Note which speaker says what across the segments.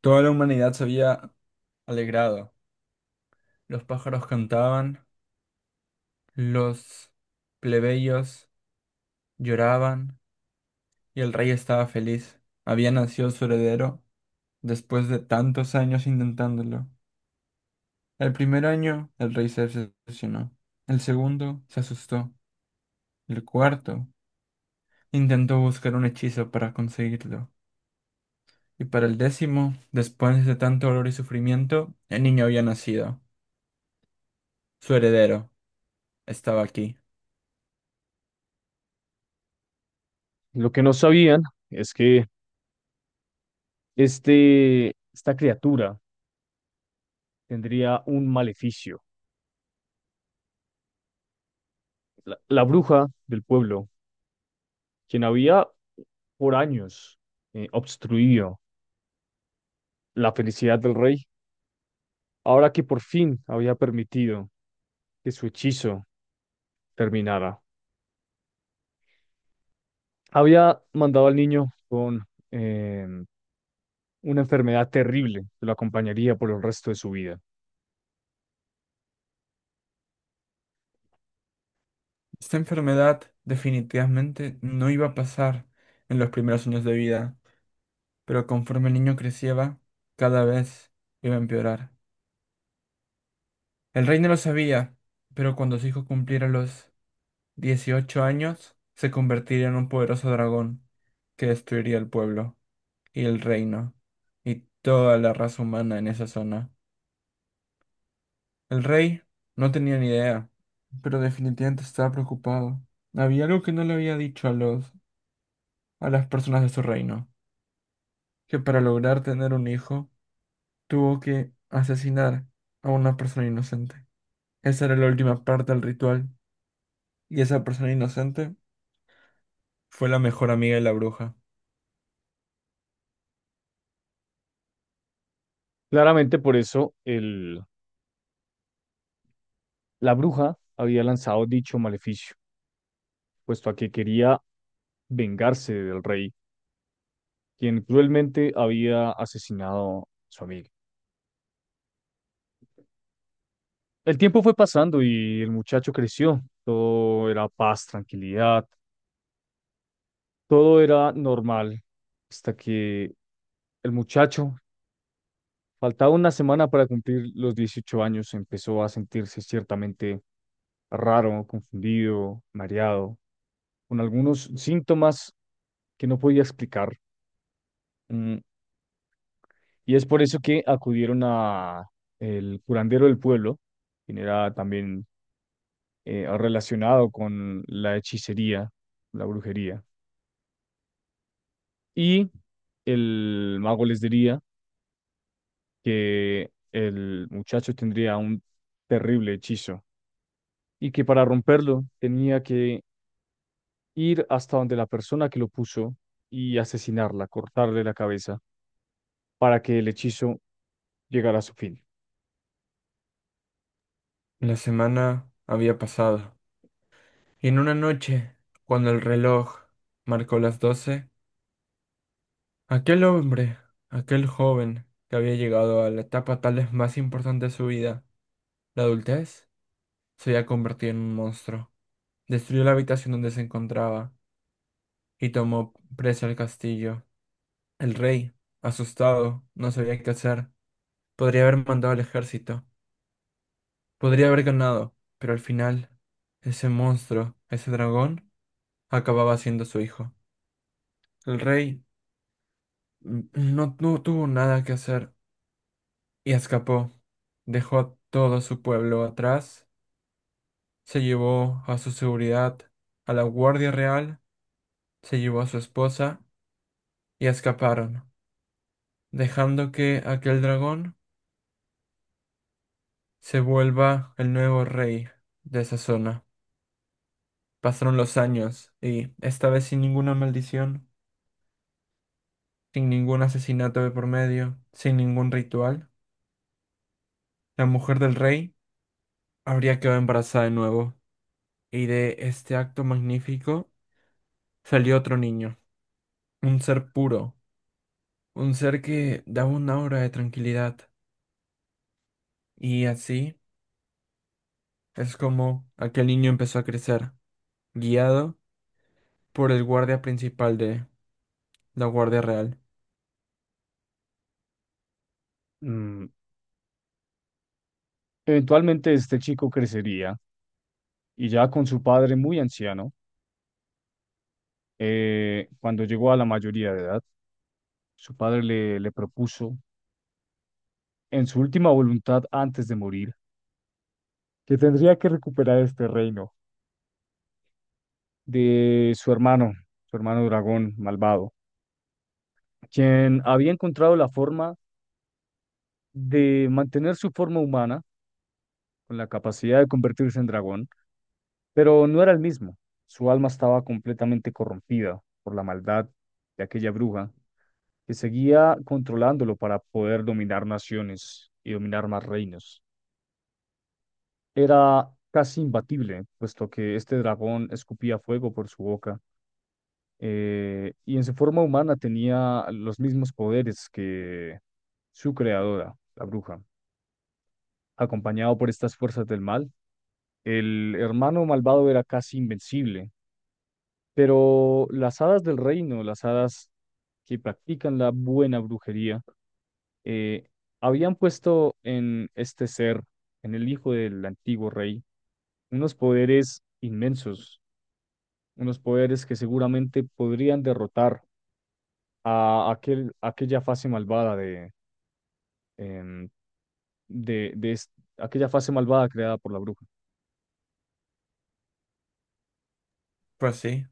Speaker 1: Toda la humanidad se había alegrado. Los pájaros cantaban, los plebeyos lloraban y el rey estaba feliz. Había nacido su heredero después de tantos años intentándolo. El primer año el rey se decepcionó. El segundo se asustó. El cuarto intentó buscar un hechizo para conseguirlo. Y para el décimo, después de tanto dolor y sufrimiento, el niño había nacido. Su heredero estaba aquí.
Speaker 2: Lo que no sabían es que esta criatura tendría un maleficio. La bruja del pueblo, quien había por años obstruido la felicidad del rey, ahora que por fin había permitido que su hechizo terminara, había mandado al niño con eh, una enfermedad terrible que lo acompañaría por el resto de su vida.
Speaker 1: Esta enfermedad definitivamente no iba a pasar en los primeros años de vida, pero conforme el niño crecía, cada vez iba a empeorar. El rey no lo sabía, pero cuando su hijo cumpliera los 18 años, se convertiría en un poderoso dragón que destruiría el pueblo y el reino y toda la raza humana en esa zona. El rey no tenía ni idea, pero definitivamente estaba preocupado. Había algo que no le había dicho a los a las personas de su reino, que para lograr tener un hijo tuvo que asesinar a una persona inocente. Esa era la última parte del ritual y esa persona inocente fue la mejor amiga de la bruja.
Speaker 2: Claramente por eso la bruja había lanzado dicho maleficio puesto a que quería vengarse del rey, quien cruelmente había asesinado a su amigo. El tiempo fue pasando y el muchacho creció. Todo era paz, tranquilidad, todo era normal, hasta que el muchacho, faltaba una semana para cumplir los 18 años, empezó a sentirse ciertamente raro, confundido, mareado, con algunos síntomas que no podía explicar. Mm, Y es por eso que acudieron a el curandero del pueblo, quien era también relacionado con la hechicería, la brujería. Y el mago les diría que el muchacho tendría un terrible hechizo y que para romperlo tenía que ir hasta donde la persona que lo puso y asesinarla, cortarle la cabeza para que el hechizo llegara a su fin.
Speaker 1: La semana había pasado y en una noche, cuando el reloj marcó las doce, aquel hombre, aquel joven que había llegado a la etapa tal vez más importante de su vida, la adultez, se había convertido en un monstruo. Destruyó la habitación donde se encontraba y tomó presa el castillo. El rey, asustado, no sabía qué hacer. Podría haber mandado al ejército, podría haber ganado, pero al final, ese monstruo, ese dragón, acababa siendo su hijo. El rey no, no tuvo nada que hacer y escapó. Dejó a todo su pueblo atrás, se llevó a su seguridad, a la guardia real, se llevó a su esposa y escaparon, dejando que aquel dragón se vuelva el nuevo rey de esa zona. Pasaron los años y, esta vez sin ninguna maldición, sin ningún asesinato de por medio, sin ningún ritual, la mujer del rey habría quedado embarazada de nuevo. Y de este acto magnífico salió otro niño, un ser puro, un ser que daba una aura de tranquilidad. Y así es como aquel niño empezó a crecer, guiado por el guardia principal de la Guardia Real.
Speaker 2: Mm, Eventualmente este chico crecería y ya con su padre muy anciano, cuando llegó a la mayoría de edad, su padre le propuso, en su última voluntad antes de morir, que tendría que recuperar este reino de su hermano dragón malvado, quien había encontrado la forma de mantener su forma humana con la capacidad de convertirse en dragón. Pero no era el mismo. Su alma estaba completamente corrompida por la maldad de aquella bruja que seguía controlándolo para poder dominar naciones y dominar más reinos. Era casi imbatible, puesto que este dragón escupía fuego por su boca, y en su forma humana tenía los mismos poderes que su creadora, la bruja. Acompañado por estas fuerzas del mal, el hermano malvado era casi invencible, pero las hadas del reino, las hadas que practican la buena brujería, eh, habían puesto en este ser, en el hijo del antiguo rey, unos poderes inmensos, unos poderes que seguramente podrían derrotar a aquella fase malvada de, em, de es- aquella fase malvada creada por la bruja,
Speaker 1: Fue así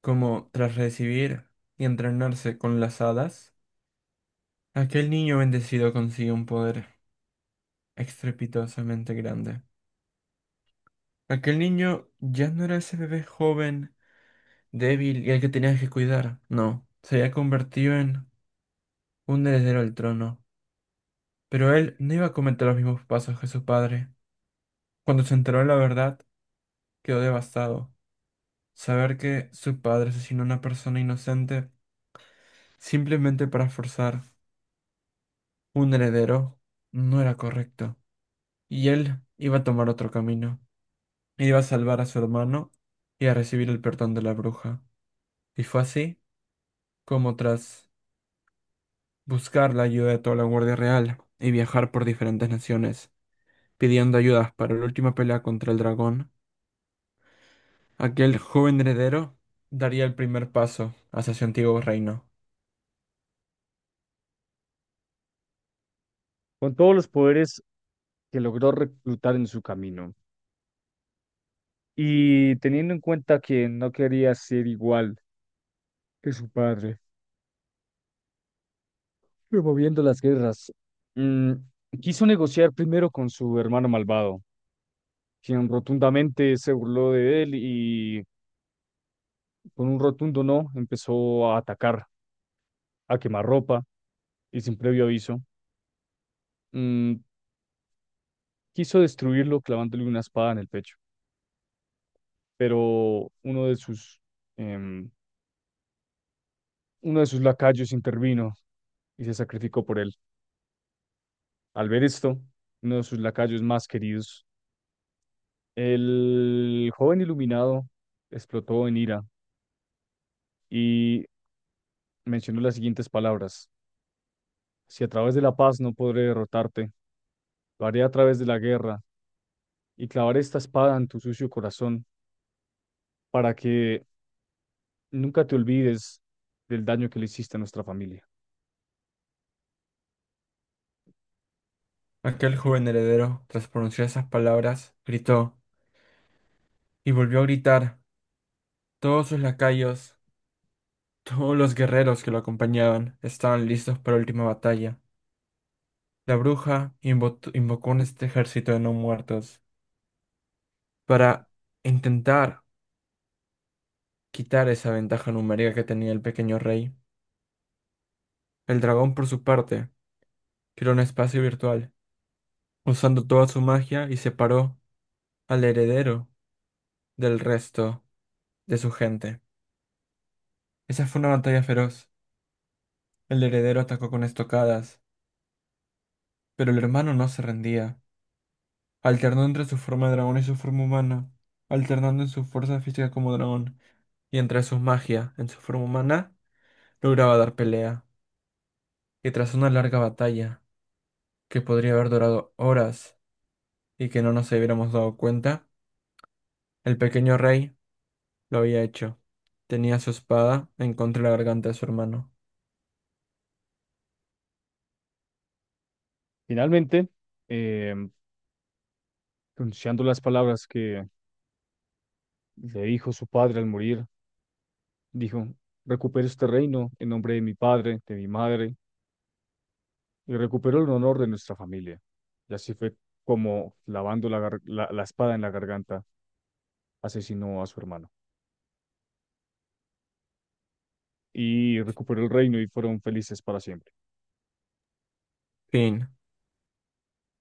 Speaker 1: como, tras recibir y entrenarse con las hadas, aquel niño bendecido consiguió un poder estrepitosamente grande. Aquel niño ya no era ese bebé joven, débil y al que tenías que cuidar. No, se había convertido en un heredero del trono. Pero él no iba a cometer los mismos pasos que su padre. Cuando se enteró de la verdad, quedó devastado. Saber que su padre asesinó a una persona inocente simplemente para forzar un heredero no era correcto. Y él iba a tomar otro camino. Iba a salvar a su hermano y a recibir el perdón de la bruja. Y fue así como tras buscar la ayuda de toda la Guardia Real y viajar por diferentes naciones, pidiendo ayudas para la última pelea contra el dragón, aquel joven heredero daría el primer paso hacia su antiguo reino.
Speaker 2: con todos los poderes que logró reclutar en su camino. Y teniendo en cuenta que no quería ser igual que su padre, promoviendo las guerras. Mm, Quiso negociar primero con su hermano malvado, quien rotundamente se burló de él y con un rotundo no empezó a atacar, a quemar ropa y sin previo aviso. mm, Quiso destruirlo clavándole una espada en el pecho, pero uno de em, uno de sus lacayos intervino y se sacrificó por él. Al ver esto, uno de sus lacayos más queridos, el joven iluminado explotó en ira y mencionó las siguientes palabras. Si a través de la paz no podré derrotarte, lo haré a través de la guerra y clavaré esta espada en tu sucio corazón para que nunca te olvides del daño que le hiciste a nuestra familia.
Speaker 1: Aquel joven heredero, tras pronunciar esas palabras, gritó y volvió a gritar. Todos sus lacayos, todos los guerreros que lo acompañaban, estaban listos para la última batalla. La bruja invocó un ejército de no muertos para intentar quitar esa ventaja numérica que tenía el pequeño rey. El dragón, por su parte, creó un espacio virtual, usando toda su magia y separó al heredero del resto de su gente. Esa fue una batalla feroz. El heredero atacó con estocadas, pero el hermano no se rendía, alternó entre su forma de dragón y su forma humana, alternando en su fuerza física como dragón y entre su magia en su forma humana lograba dar pelea, y tras una larga batalla, que podría haber durado horas y que no nos hubiéramos dado cuenta, el pequeño rey lo había hecho. Tenía su espada en contra de la garganta de su hermano.
Speaker 2: Finalmente, eh, pronunciando las palabras que le dijo su padre al morir, dijo, recupero este reino en nombre de mi padre, de mi madre, y recupero el honor de nuestra familia. Y así fue como lavando la espada en la garganta asesinó a su hermano y recuperó el reino y fueron felices para siempre.
Speaker 1: Fin.